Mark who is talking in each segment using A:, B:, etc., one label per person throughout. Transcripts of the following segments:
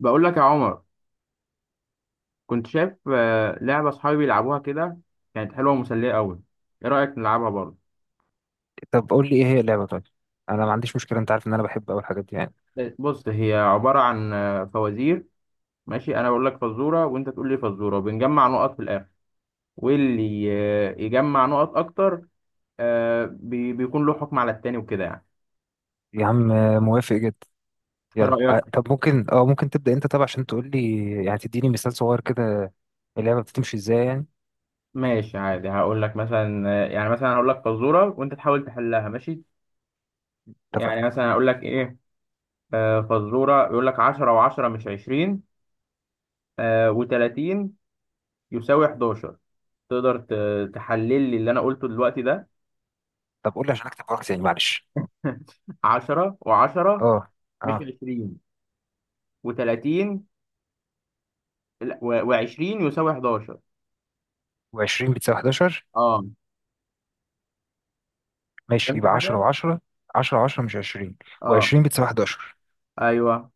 A: بقول لك يا عمر، كنت شايف لعبة أصحابي بيلعبوها كده. كانت حلوة ومسلية أوي. إيه رأيك نلعبها برضه؟
B: طب قول لي ايه هي اللعبة؟ طيب انا ما عنديش مشكلة، انت عارف ان انا بحب اول حاجات دي يعني.
A: بص، هي عبارة عن فوازير. ماشي، أنا بقول لك فزورة وأنت تقول لي فزورة وبنجمع نقط في الآخر، واللي يجمع نقط أكتر بيكون له حكم على التاني وكده يعني.
B: يا عم موافق جدا.
A: إيه
B: يلا، آه،
A: رأيك؟
B: طب ممكن، ممكن تبدأ انت طبعا عشان تقول لي، يعني تديني مثال صغير كده. اللعبة بتمشي ازاي يعني؟
A: ماشي عادي. هقول لك مثلا يعني مثلا هقول لك فزورة وأنت تحاول تحلها، ماشي؟ يعني
B: اتفقنا.
A: مثلا هقول لك إيه، فزورة يقول لك 10 و10 مش 20 و30 يساوي 11. تقدر تحلل لي اللي انا قلته دلوقتي ده؟
B: طب قول لي عشان اكتب وراك تاني، معلش.
A: 10 و10
B: اه.
A: مش
B: اه.
A: 20 و30 و20 يساوي 11.
B: و20 بتساوي 11.
A: اه،
B: ماشي،
A: فهمت
B: يبقى 10
A: حاجه.
B: و10. 10 و10 مش 20،
A: اه،
B: و20 بتساوي 11.
A: ايوه،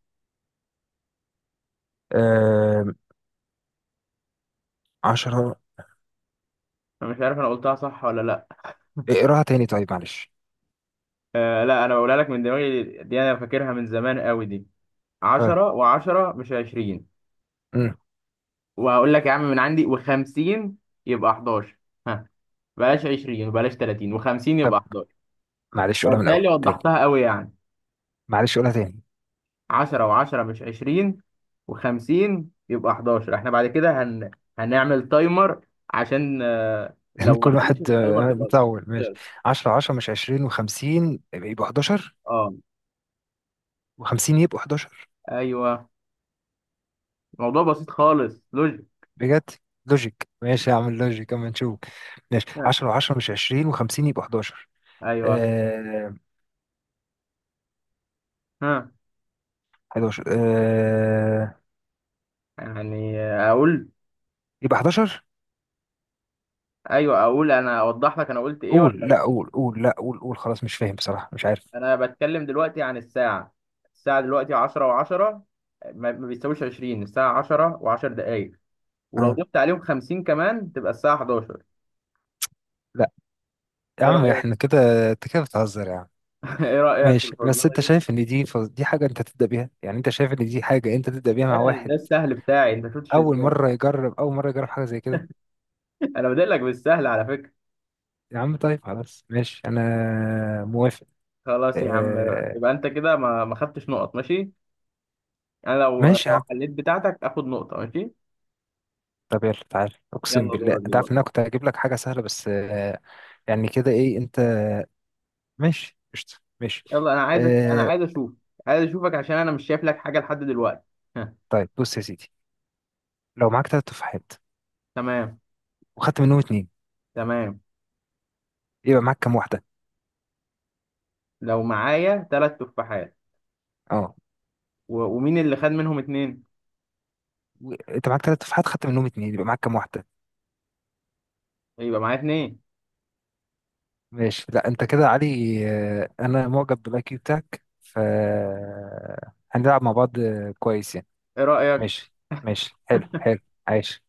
B: آه. 10.
A: انا مش عارف انا قلتها صح ولا لا.
B: اقراها تاني طيب معلش.
A: لا، انا بقولها لك من دماغي دي، انا فاكرها من زمان قوي دي.
B: طيب.
A: 10 و10 مش 20،
B: امم
A: وهقول لك يا عم من عندي و50 يبقى 11. ها، بلاش 20 وبلاش 30 و50
B: طب.
A: يبقى 11.
B: معلش قولها من الاول
A: بالتالي
B: تاني.
A: وضحتها قوي يعني.
B: معلش قولها تاني.
A: 10 و10 مش 20 و50 يبقى 11. احنا بعد كده هنعمل تايمر، عشان
B: يعني
A: لو ما
B: كل
A: حلتش من
B: واحد
A: التايمر تبقى
B: نطول، ماشي.
A: تخسر.
B: 10 10 مش 20 و50 يبقوا 11.
A: اه،
B: و50 يبقوا 11.
A: ايوه. الموضوع بسيط خالص، لوجيك.
B: بجد؟ لوجيك، ماشي هعمل لوجيك اما نشوف. ماشي،
A: ها،
B: 10 و10 مش 20 و50 يبقوا 11.
A: ايوه.
B: آه.
A: ها،
B: 11، آه.
A: يعني اقول.
B: يبقى 11.
A: ايوه، اقول انا، اوضح لك انا قلت ايه ولا
B: قول، لا
A: لا.
B: قول، قول، لا قول، قول. خلاص مش فاهم بصراحة، مش عارف.
A: انا بتكلم دلوقتي عن الساعه. الساعه دلوقتي 10 و10، ما بيساويش 20. الساعه 10 و10 دقائق، ولو
B: آه.
A: ضفت عليهم 50 كمان تبقى الساعه 11.
B: لا يا
A: ايه
B: عم،
A: رايك؟
B: احنا كده؟ انت كده بتهزر يا عم.
A: ايه رأيك في
B: ماشي، بس
A: الفزورة
B: انت
A: دي؟
B: شايف ان دي دي حاجة انت تبدأ بيها؟ يعني انت شايف ان دي حاجة انت تبدأ بيها مع
A: ايه ده؟
B: واحد
A: السهل بتاعي، انت شفتش اللي
B: اول
A: جاي.
B: مرة يجرب، اول مرة يجرب حاجة زي كده؟
A: انا بادئ لك بالسهل على فكرة.
B: يا عم طيب خلاص ماشي، انا موافق.
A: خلاص يا عم.
B: آه.
A: يبقى انت كده ما خدتش نقط، ماشي. انا لو
B: ماشي يا
A: لو
B: عم.
A: حليت بتاعتك اخد نقطة، ماشي.
B: طب يلا تعالى، اقسم
A: يلا
B: بالله
A: دورك
B: انت عارف
A: دلوقتي.
B: ان انا كنت هجيب لك حاجه سهله بس آه. يعني كده ايه انت. ماشي، قشطه، ماشي.
A: يلا، انا عايزك. انا
B: آه.
A: عايز اشوف عايز اشوفك، عشان انا مش شايف لك حاجة لحد دلوقتي. ها.
B: طيب بص يا سيدي، لو معاك ثلاث تفاحات
A: تمام.
B: وخدت منهم اتنين،
A: تمام.
B: يبقى معاك كام واحده؟
A: لو معايا ثلاث تفاحات
B: اه.
A: ومين اللي خد منهم اتنين؟
B: انت معاك ثلاث تفاحات، خدت منهم اتنين، يبقى معاك كام واحده؟
A: يبقى معايا اتنين.
B: ماشي، لا انت كده يا علي. آه انا معجب بالاي كيو بتاعك. ف هنلعب مع بعض كويس يعني.
A: ايه رأيك؟
B: ماشي. ماشي، حلو حلو. عايش.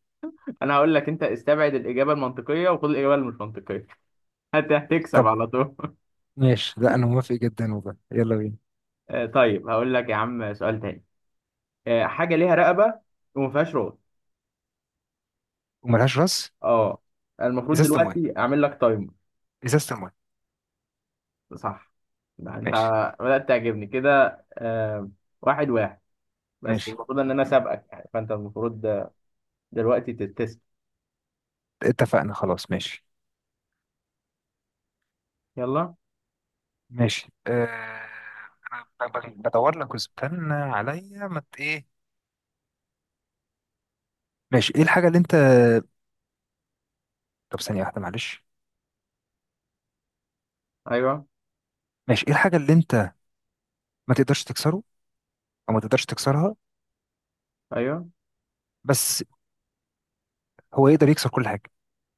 A: انا هقول لك، انت استبعد الإجابة المنطقية وخد الإجابة اللي مش منطقية. هتكسب
B: طب.
A: على طول.
B: ماشي، لا انا موافق جدا والله، يلا بينا.
A: طيب، هقول لك يا عم سؤال تاني. حاجة ليها رقبة وما فيهاش رأس.
B: وملهاش راس.
A: اه. المفروض
B: ازازه المايه.
A: دلوقتي اعمل لك تايمر.
B: ازازه المايه.
A: صح. ده انت
B: ماشي.
A: بدأت تعجبني كده. آه، واحد واحد. بس
B: ماشي.
A: المفروض ان انا سابقك، يعني فانت المفروض دلوقتي تتسب.
B: اتفقنا خلاص، ماشي.
A: يلا.
B: ماشي، انا بدور لك، واستنى عليا ما ايه. ماشي، ايه الحاجه اللي انت. طب ثانيه واحده معلش.
A: ايوه.
B: ماشي، ايه الحاجه اللي انت ما تقدرش تكسره؟ او ما تقدرش تكسرها؟
A: ايوه.
B: بس هو يقدر يكسر كل حاجه.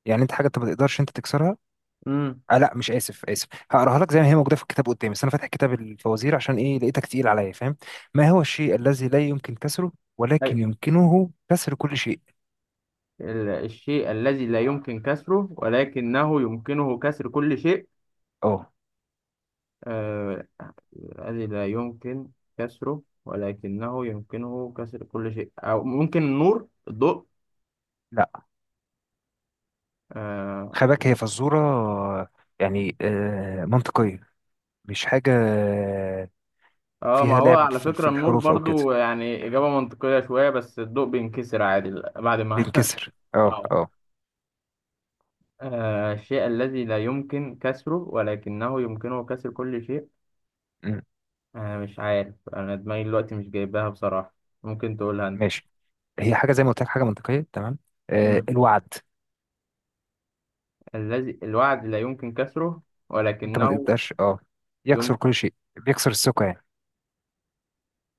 B: يعني انت حاجه انت ما تقدرش انت تكسرها.
A: امم.
B: لا مش، اسف اسف، هقراها لك زي ما هي موجوده في الكتاب قدامي، بس انا فاتح كتاب الفوازير عشان ايه؟ لقيتك تقيل عليا، فاهم؟ ما هو الشيء الذي لا يمكن كسره ولكن
A: أيوة.
B: يمكنه كسر كل شيء؟
A: الشيء الذي لا يمكن كسره ولكنه يمكنه كسر كل شيء.
B: اه.
A: آه، الذي لا يمكن كسره ولكنه يمكنه كسر كل شيء، أو ممكن النور، الضوء.
B: لا،
A: آه,
B: خباك هي فزوره آه، يعني منطقيه، مش حاجه
A: ما
B: فيها
A: هو
B: لعب
A: على
B: في
A: فكرة النور
B: الحروف او كده.
A: برضو يعني إجابة منطقية شوية، بس الضوء بينكسر عادي. بعد ما
B: بينكسر، اه
A: آه
B: اه.
A: الشيء الذي لا يمكن كسره ولكنه يمكنه كسر كل شيء.
B: أمم،
A: مش عارف، أنا دماغي دلوقتي مش جايباها بصراحة. ممكن تقولها أنت.
B: ماشي، هي حاجه زي ما قلت لك، حاجه منطقيه تمام. آه
A: مم.
B: الوعد.
A: الذي الوعد لا يمكن كسره،
B: انت ما
A: ولكنه
B: تقدرش اه يكسر
A: يمكن.
B: كل شيء، بيكسر الثقه يعني.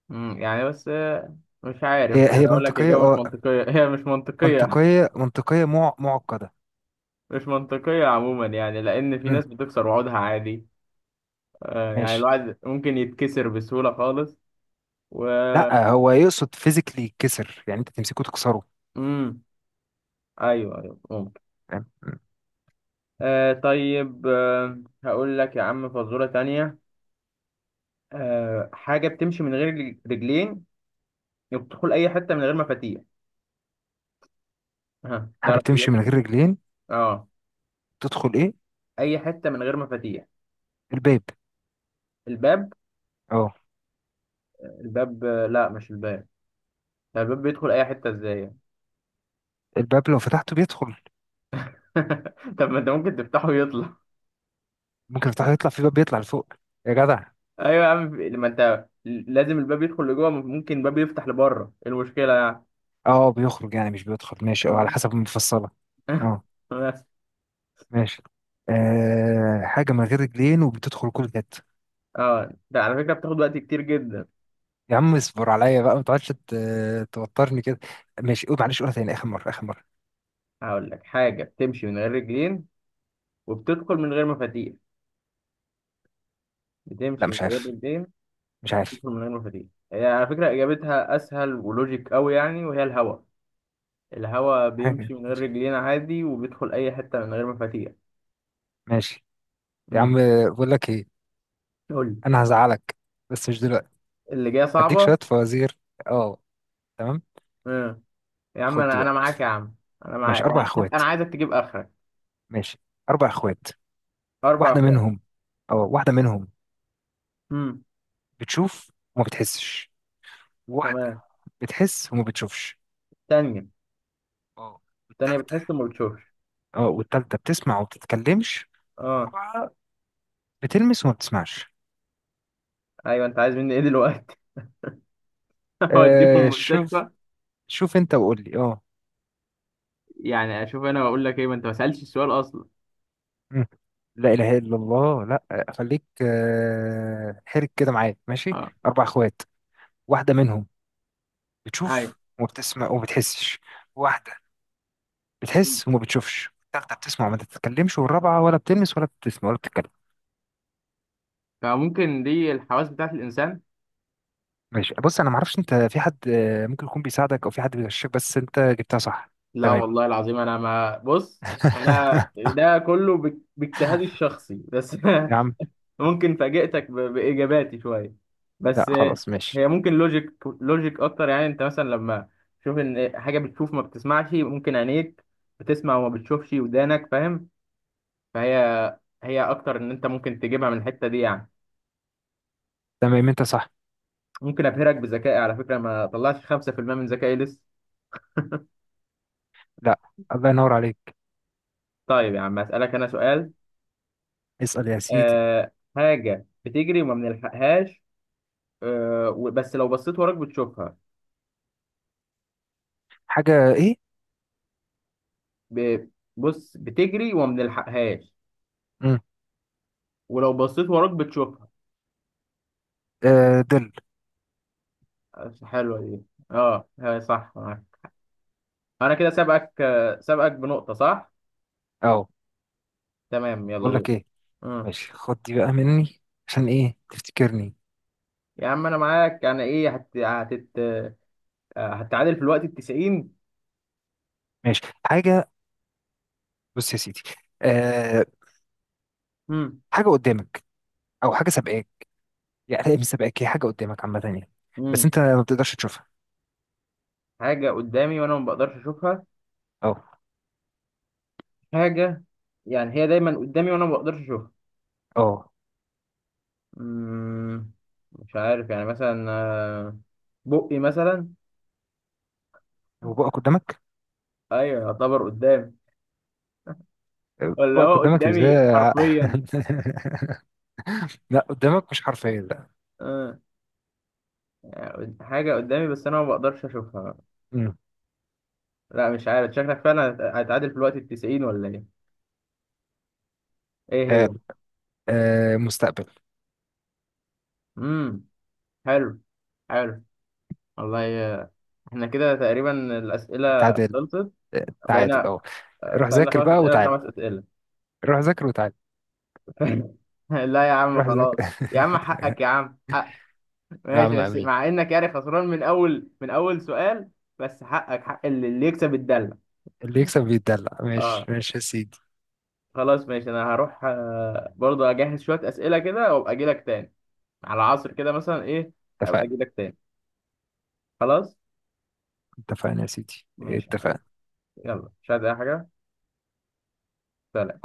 A: يعني بس مش عارف
B: هي
A: يعني اقول لك،
B: منطقية
A: اجابه مش
B: اه،
A: منطقيه. هي مش منطقيه.
B: منطقية، منطقية، معقدة.
A: مش منطقيه عموما، يعني لان في
B: امم
A: ناس بتكسر وعودها عادي. يعني
B: ماشي.
A: الواحد ممكن يتكسر بسهوله خالص. و
B: لا، هو يقصد فيزيكلي يتكسر، يعني انت تمسكه تكسره،
A: امم ايوه. ايوه، ممكن.
B: فاهم؟
A: طيب. هقول لك يا عم فزوره تانية. حاجه بتمشي من غير رجلين، وبتدخل اي حته من غير مفاتيح. ها،
B: حاجة
A: تعرف
B: بتمشي
A: تجيب؟
B: من غير رجلين،
A: اه،
B: تدخل ايه؟
A: اي حته من غير مفاتيح.
B: الباب.
A: الباب؟
B: اه،
A: الباب؟ لا، مش الباب. طب الباب بيدخل اي حته ازاي؟
B: الباب لو فتحته بيدخل.
A: طب ما انت ممكن تفتحه ويطلع.
B: ممكن تفتحه يطلع، في باب بيطلع لفوق يا جدع.
A: ايوه يا عم، ما انت لازم الباب يدخل لجوه. ممكن الباب يفتح لبره، إيه المشكله يعني؟
B: اه بيخرج يعني، مش بيدخل، ماشي اه على
A: اه.
B: حسب المفصلة. اه.
A: بس.
B: ماشي. آه حاجة من غير رجلين وبتدخل كل جد.
A: اه، ده على فكره بتاخد وقت كتير جدا.
B: يا عم اصبر عليا بقى، ما تقعدش توترني كده. ماشي، قول، معلش قولها تاني، اخر مرة اخر مرة.
A: هقول لك، حاجه بتمشي من غير رجلين، وبتدخل من غير مفاتيح.
B: لا
A: بتمشي من
B: مش
A: غير
B: عارف،
A: رجلين،
B: مش عارف.
A: وبتدخل من غير مفاتيح. هي على فكره اجابتها اسهل ولوجيك قوي يعني، وهي الهوا. الهوا
B: حاجة.
A: بيمشي من غير رجلين عادي، وبيدخل اي حته من غير مفاتيح.
B: ماشي يا
A: امم
B: عم، بقول لك ايه،
A: قول لي.
B: انا هزعلك بس مش دلوقتي.
A: اللي جايه
B: هديك
A: صعبه.
B: شويه فوازير. اه. تمام.
A: يا عم،
B: خد دي
A: انا
B: بقى.
A: انا معاك يا عم. انا
B: ماشي
A: معاك.
B: اربع
A: انا حتى
B: اخوات.
A: انا عايزك تجيب اخرك.
B: ماشي اربع اخوات.
A: اربع
B: واحده
A: فوق.
B: منهم. اه، واحده منهم
A: امم
B: بتشوف وما بتحسش. واحده
A: تمام.
B: بتحس وما بتشوفش.
A: تانية.
B: اه،
A: تانية
B: والتالتة.
A: بتحس ما بتشوفش.
B: اه، والتالتة بتسمع وما بتتكلمش.
A: اه.
B: الرابعه بتلمس وما بتسمعش.
A: ايوه، انت عايز مني ايه دلوقتي؟ اوديهم
B: آه، شوف.
A: المستشفى.
B: شوف انت وقول لي اه.
A: يعني اشوف انا واقول لك ايه، ما انت ما سالتش السؤال اصلا.
B: مم. لا إله إلا الله. لا خليك، حرك كده معايا ماشي.
A: اه.
B: أربع أخوات، واحدة منهم
A: ايوه.
B: بتشوف وما بتسمع وما بتحسش. واحدة بتحس وما بتشوفش. التالتة بتسمع وما بتتكلمش. والرابعة ولا بتلمس ولا بتسمع ولا بتتكلم.
A: فممكن دي الحواس بتاعت الانسان.
B: ماشي بص، أنا معرفش أنت في حد ممكن يكون بيساعدك أو في حد بيغشك، بس أنت جبتها صح.
A: لا
B: تمام.
A: والله العظيم انا ما بص. انا ده كله باجتهادي الشخصي بس.
B: يا عم.
A: ممكن فاجئتك باجاباتي شويه
B: لا
A: بس.
B: خلاص ماشي.
A: هي ممكن لوجيك لوجيك اكتر، يعني انت مثلا لما تشوف ان حاجه بتشوف ما بتسمعش، ممكن عينيك بتسمع وما بتشوفش، ودانك فاهم. فهي اكتر ان انت ممكن تجيبها من الحته دي يعني.
B: تمام. أنت صح.
A: ممكن ابهرك بذكائي. على فكره ما طلعتش 5% من ذكائي لسه.
B: لا، الله ينور عليك.
A: طيب يا عم، اسالك انا سؤال.
B: اسأل يا سيدي.
A: حاجه بتجري وما بنلحقهاش، بس لو بصيت وراك بتشوفها.
B: حاجة إيه؟
A: ب- بص، بتجري وما بنلحقهاش،
B: مم.
A: ولو بصيت وراك بتشوفها.
B: ظل.
A: حلوة دي. اه، هي صح معاك. انا كده سابقك سابقك بنقطة، صح؟
B: أه.
A: تمام. يلا
B: بقول
A: دور.
B: لك إيه.
A: مم.
B: ماشي خد دي بقى مني، عشان ايه تفتكرني.
A: يا عم انا معاك، يعني ايه؟ هت... هتت... آه، هتتعادل في الوقت التسعين.
B: ماشي حاجة. بص يا سيدي، أه.
A: مم.
B: حاجة قدامك، او حاجة سابقاك، يعني مش سابقاك، هي حاجة قدامك عامة يعني، بس
A: مم.
B: انت ما بتقدرش تشوفها.
A: حاجة قدامي وانا ما بقدرش اشوفها.
B: اه.
A: حاجة، يعني هي دايما قدامي وانا ما بقدرش اشوفها.
B: اه،
A: مم. مش عارف يعني مثلا بقي مثلا.
B: وبقى قدامك.
A: ايوه، يعتبر قدامي. ولا
B: بقى
A: هو
B: قدامك
A: قدامي
B: ازاي؟
A: حرفيا؟
B: لا، قدامك مش حرفيا لا.
A: آه. يعني حاجة قدامي بس أنا ما بقدرش أشوفها.
B: مم.
A: لا، مش عارف. شكلك فعلا هتعادل في الوقت التسعين، ولا إيه؟ إيه
B: تعال.
A: هي؟
B: أه، مستقبل.
A: مم. حلو. حلو. والله إحنا كده تقريبا الأسئلة
B: تعادل.
A: خلصت.
B: تعادل
A: بقينا
B: اه. روح
A: سألنا
B: ذاكر
A: خمس
B: بقى
A: أسئلة،
B: وتعال.
A: خمس أسئلة.
B: روح ذاكر وتعال.
A: لا يا عم
B: روح
A: خلاص.
B: ذاكر.
A: يا عم حقك، يا عم حق.
B: يا عم
A: ماشي، بس
B: امين.
A: مع إنك يعني خسران من أول من أول سؤال. بس حقك حق، اللي يكسب الدلة.
B: اللي يكسب بيتدلع، ماشي
A: أه،
B: ماشي يا سيدي.
A: خلاص ماشي. أنا هروح برضه، اجهز شويه اسئله كده وابقى اجي لك تاني على العصر كده مثلا ايه. ابقى
B: اتفقنا.
A: اجي لك تاني. خلاص
B: اتفقنا يا سيدي،
A: ماشي يا حبيبي.
B: اتفقنا.
A: يلا، مش عايز اي حاجه. سلام.